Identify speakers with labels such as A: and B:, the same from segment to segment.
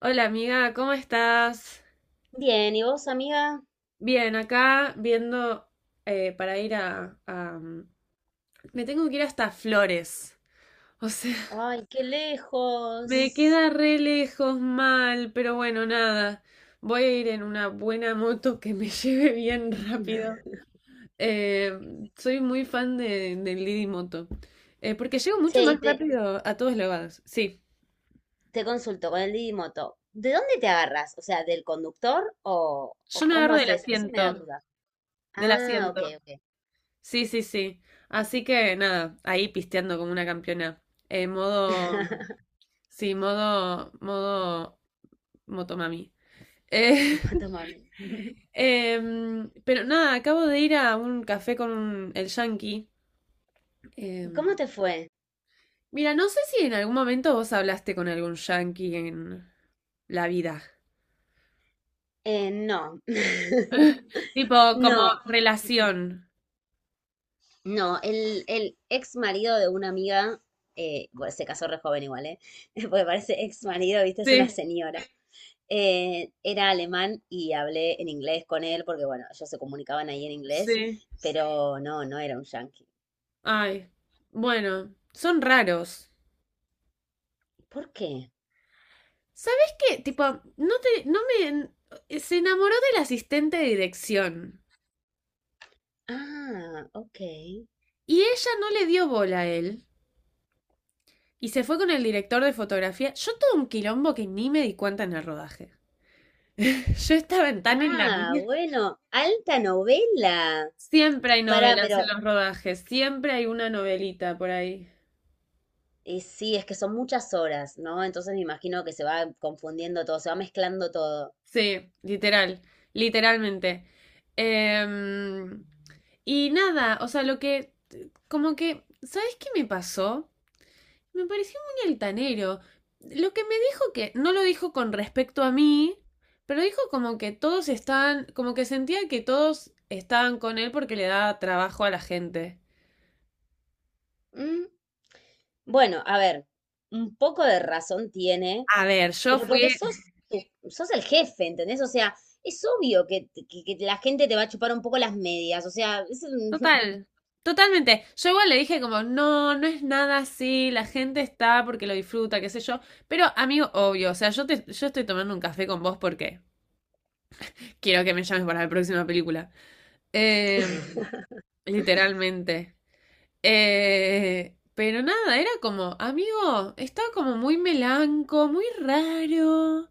A: Hola amiga, ¿cómo estás?
B: Bien, ¿y vos, amiga?
A: Bien, acá viendo para ir me tengo que ir hasta Flores. O sea,
B: Ay, qué
A: me
B: lejos.
A: queda re lejos mal, pero bueno, nada. Voy a ir en una buena moto que me lleve bien rápido. Eh, soy muy fan del Didi Moto. Porque llego
B: Che,
A: mucho más
B: y te,
A: rápido a todos lados. Sí,
B: te consulto con el Didi Moto. ¿De dónde te agarras? O sea, ¿del conductor
A: yo
B: o
A: no
B: cómo
A: agarro del
B: haces? Eso me da
A: asiento.
B: duda.
A: Del
B: Ah, ok,
A: asiento.
B: ok.
A: Sí, sí, sí. Así que nada, ahí pisteando como una campeona. Eh, modo, modo motomami. Eh,
B: Mato mami.
A: pero nada, acabo de ir a un café con el yankee.
B: ¿Y
A: Em,
B: cómo te fue?
A: mira, no sé si en algún momento vos hablaste con algún yankee en la vida.
B: No.
A: Tipo, como
B: No,
A: relación.
B: no. El ex marido de una amiga, bueno, se casó re joven igual, ¿eh? Porque parece ex marido, viste, es una
A: Sí,
B: señora. Era alemán y hablé en inglés con él porque, bueno, ellos se comunicaban ahí en inglés,
A: sí.
B: pero no, no era un yanqui.
A: Ay, bueno, son raros.
B: ¿Por qué?
A: ¿Sabes qué? Tipo, no te, no me, se enamoró del asistente de dirección
B: Ah, ok.
A: y ella no le dio bola a él y se fue con el director de fotografía. Yo todo un quilombo que ni me di cuenta en el rodaje. Yo estaba tan en la
B: Ah,
A: mía.
B: bueno, alta novela.
A: Siempre hay
B: Para,
A: novelas en
B: pero
A: los rodajes, siempre hay una novelita por ahí.
B: sí, es que son muchas horas, ¿no? Entonces me imagino que se va confundiendo todo, se va mezclando todo.
A: Sí, literal, literalmente. Em, y nada, o sea, lo que, como que, ¿sabes qué me pasó? Me pareció muy altanero. Lo que me dijo que no lo dijo con respecto a mí, pero dijo como que todos estaban, como que sentía que todos estaban con él porque le daba trabajo a la gente.
B: Mm, Bueno, a ver, un poco de razón tiene,
A: A ver, yo
B: pero porque
A: fui
B: sos, sos el jefe, ¿entendés? O sea, es obvio que, que la gente te va a chupar un poco las medias, o sea, es un-
A: total, totalmente. Yo igual le dije como, no, no es nada así, la gente está porque lo disfruta, qué sé yo. Pero amigo, obvio, o sea, yo estoy tomando un café con vos porque quiero que me llames para la próxima película. Eh, literalmente. Pero nada, era como, amigo, está como muy melanco, muy raro.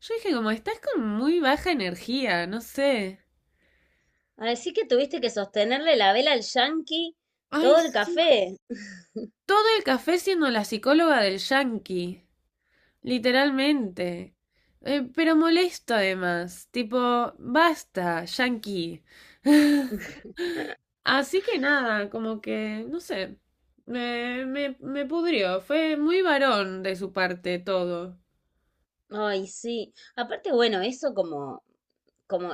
A: Yo dije como, estás con muy baja energía, no sé.
B: Así que tuviste que sostenerle la vela al yankee
A: Ay,
B: todo el
A: sí.
B: café.
A: Todo el café siendo la psicóloga del yankee, literalmente. Pero molesto además, tipo, basta, yankee. Así que nada, como que, no sé, me pudrió, fue muy varón de su parte todo.
B: Ay, sí. Aparte, bueno, eso como, como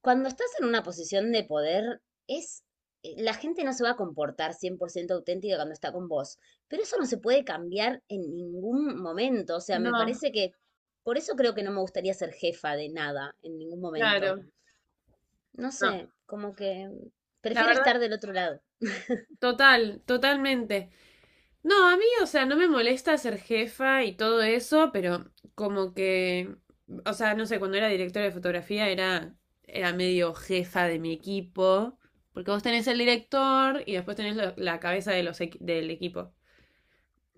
B: cuando estás en una posición de poder, es, la gente no se va a comportar 100% auténtica cuando está con vos, pero eso no se puede cambiar en ningún momento, o sea, me
A: No,
B: parece que por eso creo que no me gustaría ser jefa de nada en ningún momento.
A: claro.
B: No
A: No,
B: sé, como que
A: la
B: prefiero
A: verdad,
B: estar del otro lado.
A: total, totalmente. No, a mí, o sea, no me molesta ser jefa y todo eso, pero como que, o sea, no sé, cuando era directora de fotografía era medio jefa de mi equipo, porque vos tenés el director y después tenés la cabeza de del equipo.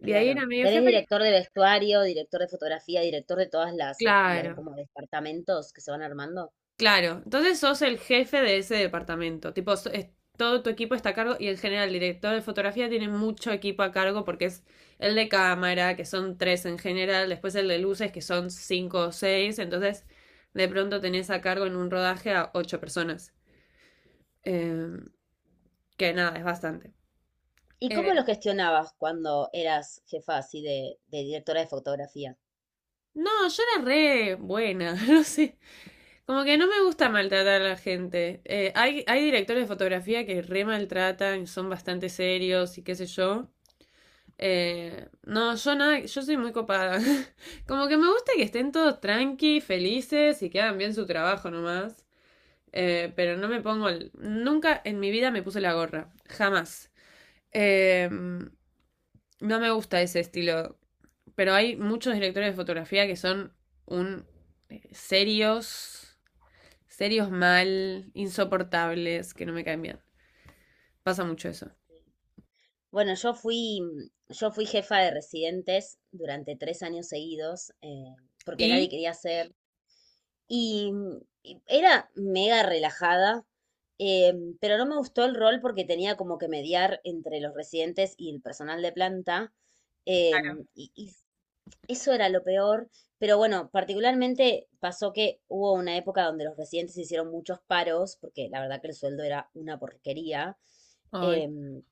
A: Y ahí era
B: Claro.
A: medio
B: Tenés
A: jefa y,
B: director de vestuario, director de fotografía, director de todas las los
A: claro.
B: como departamentos que se van armando.
A: Claro, entonces sos el jefe de ese departamento. Tipo, todo tu equipo está a cargo y en general el director de fotografía tiene mucho equipo a cargo porque es el de cámara, que son tres en general, después el de luces, que son cinco o seis. Entonces, de pronto tenés a cargo en un rodaje a ocho personas. Eh, que nada, es bastante.
B: ¿Y cómo lo
A: Eh,
B: gestionabas cuando eras jefa así de directora de fotografía?
A: no, yo era re buena, no sé. Como que no me gusta maltratar a la gente. Hay directores de fotografía que re maltratan, son bastante serios y qué sé yo. No, yo nada, yo soy muy copada. Como que me gusta que estén todos tranqui, felices y que hagan bien su trabajo nomás. Pero no me pongo nunca en mi vida me puse la gorra. Jamás. No me gusta ese estilo. Pero hay muchos directores de fotografía que son un eh, serios, serios mal, insoportables, que no me caen bien. Pasa mucho eso.
B: Bueno, yo fui jefa de residentes durante 3 años seguidos, porque nadie
A: Y,
B: quería ser. Y y era mega relajada, pero no me gustó el rol porque tenía como que mediar entre los residentes y el personal de planta. Y, y eso era lo peor. Pero bueno, particularmente pasó que hubo una época donde los residentes hicieron muchos paros, porque la verdad que el sueldo era una porquería.
A: ay,
B: em,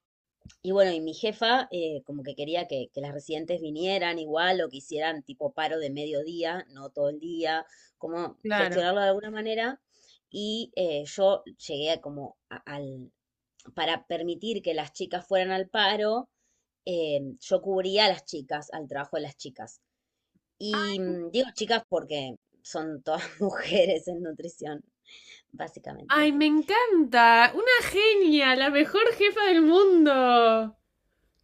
B: y bueno, y mi jefa, como que quería que las residentes vinieran igual o que hicieran tipo paro de mediodía, no todo el día, como
A: claro.
B: gestionarlo de alguna manera. Y yo llegué a como al, para permitir que las chicas fueran al paro, yo cubría a las chicas, al trabajo de las chicas. Y digo chicas porque son todas mujeres en nutrición,
A: Ay,
B: básicamente.
A: me encanta. Una genia, la mejor jefa del mundo.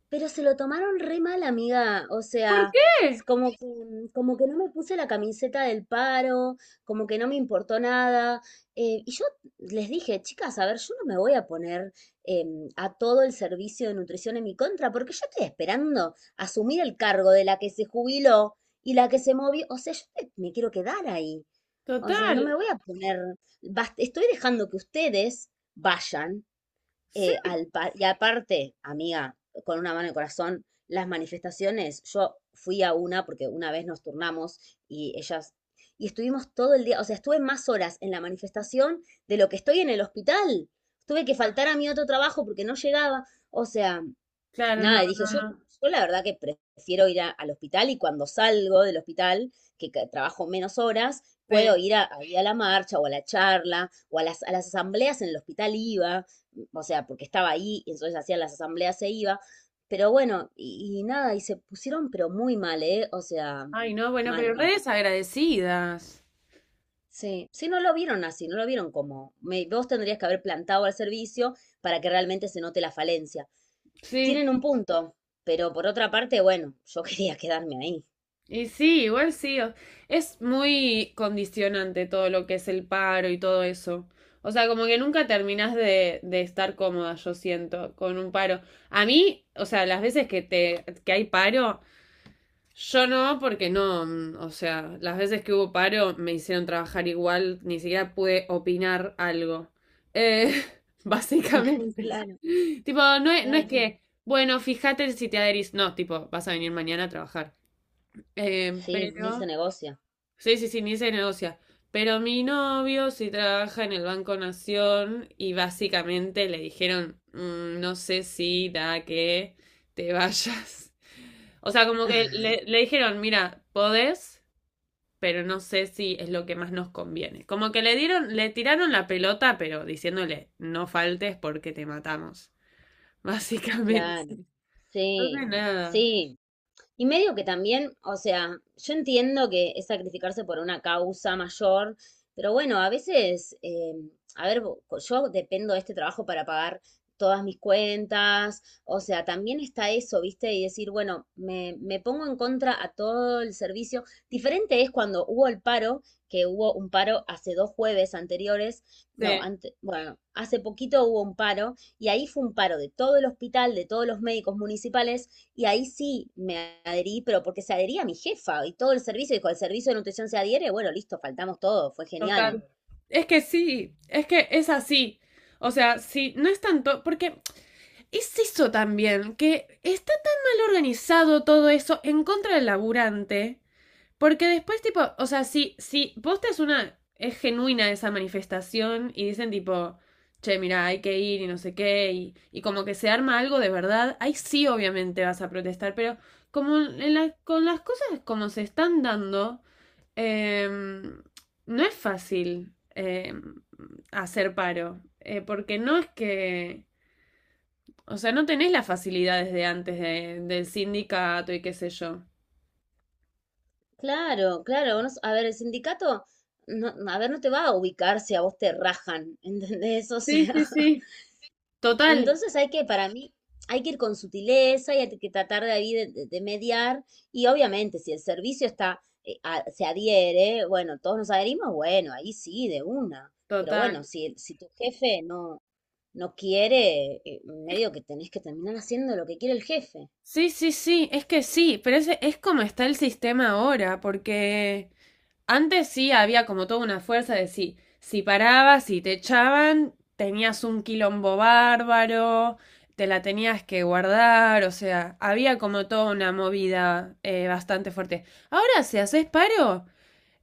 B: Pero se lo tomaron re mal, amiga. O
A: ¿Por
B: sea, es
A: qué?
B: como que no me puse la camiseta del paro, como que no me importó nada. Y yo les dije, chicas, a ver, yo no me voy a poner, a todo el servicio de nutrición en mi contra, porque yo estoy esperando asumir el cargo de la que se jubiló y la que se movió. O sea, yo me quiero quedar ahí. O sea, no
A: Total.
B: me voy a poner, estoy dejando que ustedes vayan,
A: Sí.
B: y aparte, amiga, con una mano en el corazón, las manifestaciones, yo fui a una porque una vez nos turnamos y ellas, y estuvimos todo el día, o sea, estuve más horas en la manifestación de lo que estoy en el hospital. Tuve que faltar a mi otro trabajo porque no llegaba. O sea,
A: Claro, no,
B: nada, y dije,
A: no,
B: yo,
A: no.
B: yo la verdad que prefiero ir al hospital y cuando salgo del hospital, que, trabajo menos horas, puedo
A: Sí.
B: ir a, ahí a la marcha o a la charla o a las asambleas en el hospital iba, o sea, porque estaba ahí, entonces hacía las asambleas se iba, pero bueno, y nada, y se pusieron pero muy mal, ¿eh? O sea,
A: Ay, no, bueno,
B: mal,
A: pero
B: mal.
A: redes agradecidas.
B: Sí, sí, no lo vieron así, no lo vieron como, vos tendrías que haber plantado al servicio para que realmente se note la falencia.
A: Sí.
B: Tienen un punto, pero por otra parte, bueno, yo quería quedarme ahí.
A: Y sí, igual sí. Es muy condicionante todo lo que es el paro y todo eso. O sea, como que nunca terminás de estar cómoda, yo siento, con un paro. A mí, o sea, las veces que te, que hay paro, yo no, porque no, o sea, las veces que hubo paro me hicieron trabajar igual, ni siquiera pude opinar algo. Eh, básicamente.
B: Claro,
A: Tipo, no es
B: claro.
A: que, bueno, fíjate si te adherís, no, tipo, vas a venir mañana a trabajar.
B: Sí, ni se
A: Pero...
B: negocia.
A: Sí, sí, sí, ni se negocia. Pero mi novio sí trabaja en el Banco Nación y básicamente le dijeron, "Mm, no sé si da que te vayas". O sea, como que le dijeron, mira, podés, pero no sé si es lo que más nos conviene. Como que le dieron, le tiraron la pelota, pero diciéndole, no faltes porque te matamos. Básicamente.
B: Claro. Sí,
A: Entonces, nada.
B: sí, y medio que también, o sea, yo entiendo que es sacrificarse por una causa mayor, pero bueno, a veces, a ver, yo dependo de este trabajo para pagar todas mis cuentas, o sea, también está eso, ¿viste? Y decir, bueno, me pongo en contra a todo el servicio. Diferente es cuando hubo el paro, que hubo un paro hace 2 jueves anteriores, no,
A: Sí.
B: bueno, hace poquito hubo un paro y ahí fue un paro de todo el hospital, de todos los médicos municipales y ahí sí me adherí, pero porque se adhería mi jefa y todo el servicio, dijo, el servicio de nutrición se adhiere, bueno, listo, faltamos todo, fue genial.
A: Total. Es que sí, es que es así. O sea, sí, no es tanto, porque es eso también, que está tan mal organizado todo eso en contra del laburante, porque después, tipo, o sea, si vos te es una, es genuina esa manifestación y dicen, tipo, che, mira, hay que ir y no sé qué, y como que se arma algo de verdad, ahí sí, obviamente vas a protestar, pero como en con las cosas como se están dando, eh, no es fácil hacer paro, porque no es que, o sea, no tenés las facilidades de antes del sindicato y qué sé yo.
B: Claro, claro, no, a ver, el sindicato, no, a ver, no te va a ubicar si a vos te rajan, ¿entendés? O
A: Sí,
B: sea,
A: sí, sí. Total,
B: entonces hay que, para mí, hay que ir con sutileza y hay que tratar de ahí de, de mediar. Y obviamente, si el servicio está, se adhiere, bueno, todos nos adherimos, bueno, ahí sí, de una. Pero
A: total.
B: bueno, si, si tu jefe no, no quiere, medio que tenés que terminar haciendo lo que quiere el jefe.
A: Sí, sí, sí, es que sí, pero ese es como está el sistema ahora, porque antes sí había como toda una fuerza de sí, si parabas y te echaban, tenías un quilombo bárbaro, te la tenías que guardar, o sea, había como toda una movida bastante fuerte. Ahora, si haces paro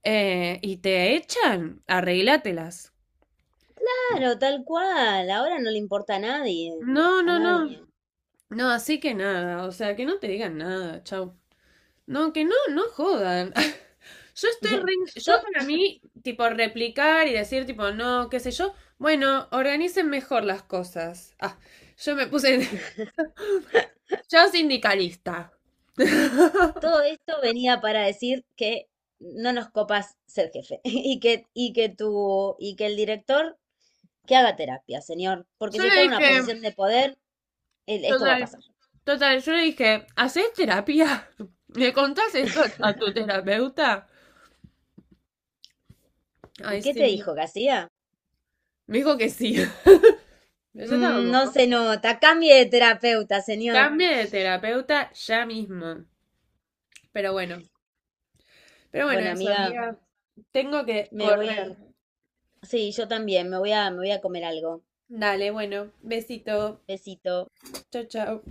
A: y te echan, arreglátelas.
B: Claro, tal cual, ahora no le importa a nadie,
A: No,
B: a
A: no, no.
B: nadie.
A: No, así que nada, o sea, que no te digan nada, chau. No, que no, no jodan. Yo
B: To-
A: para mí, tipo, replicar y decir, tipo, no, qué sé yo. Bueno, organicen mejor las cosas. Ah, yo me puse, yo sindicalista.
B: Todo esto venía para decir que no nos copas ser jefe y que, y que el director que haga terapia, señor, porque
A: Yo
B: si
A: le
B: está en una
A: dije,
B: posición de poder, esto va a
A: total,
B: pasar.
A: total, yo le dije, ¿hacés terapia? ¿Le contás esto a tu terapeuta?
B: ¿Y
A: Ay,
B: qué
A: sí,
B: te
A: Dios.
B: dijo que hacía?
A: Me dijo que sí. Pero yo
B: "Mm,
A: estaba como,
B: no se nota, cambie de terapeuta, señor.
A: cambie de terapeuta ya mismo. Pero bueno, pero bueno,
B: Bueno,
A: eso,
B: amiga,
A: amiga. Tengo que
B: me
A: correr.
B: voy. Sí, yo también, me voy a comer algo.
A: Dale, bueno, besito.
B: Besito.
A: Chao, chao.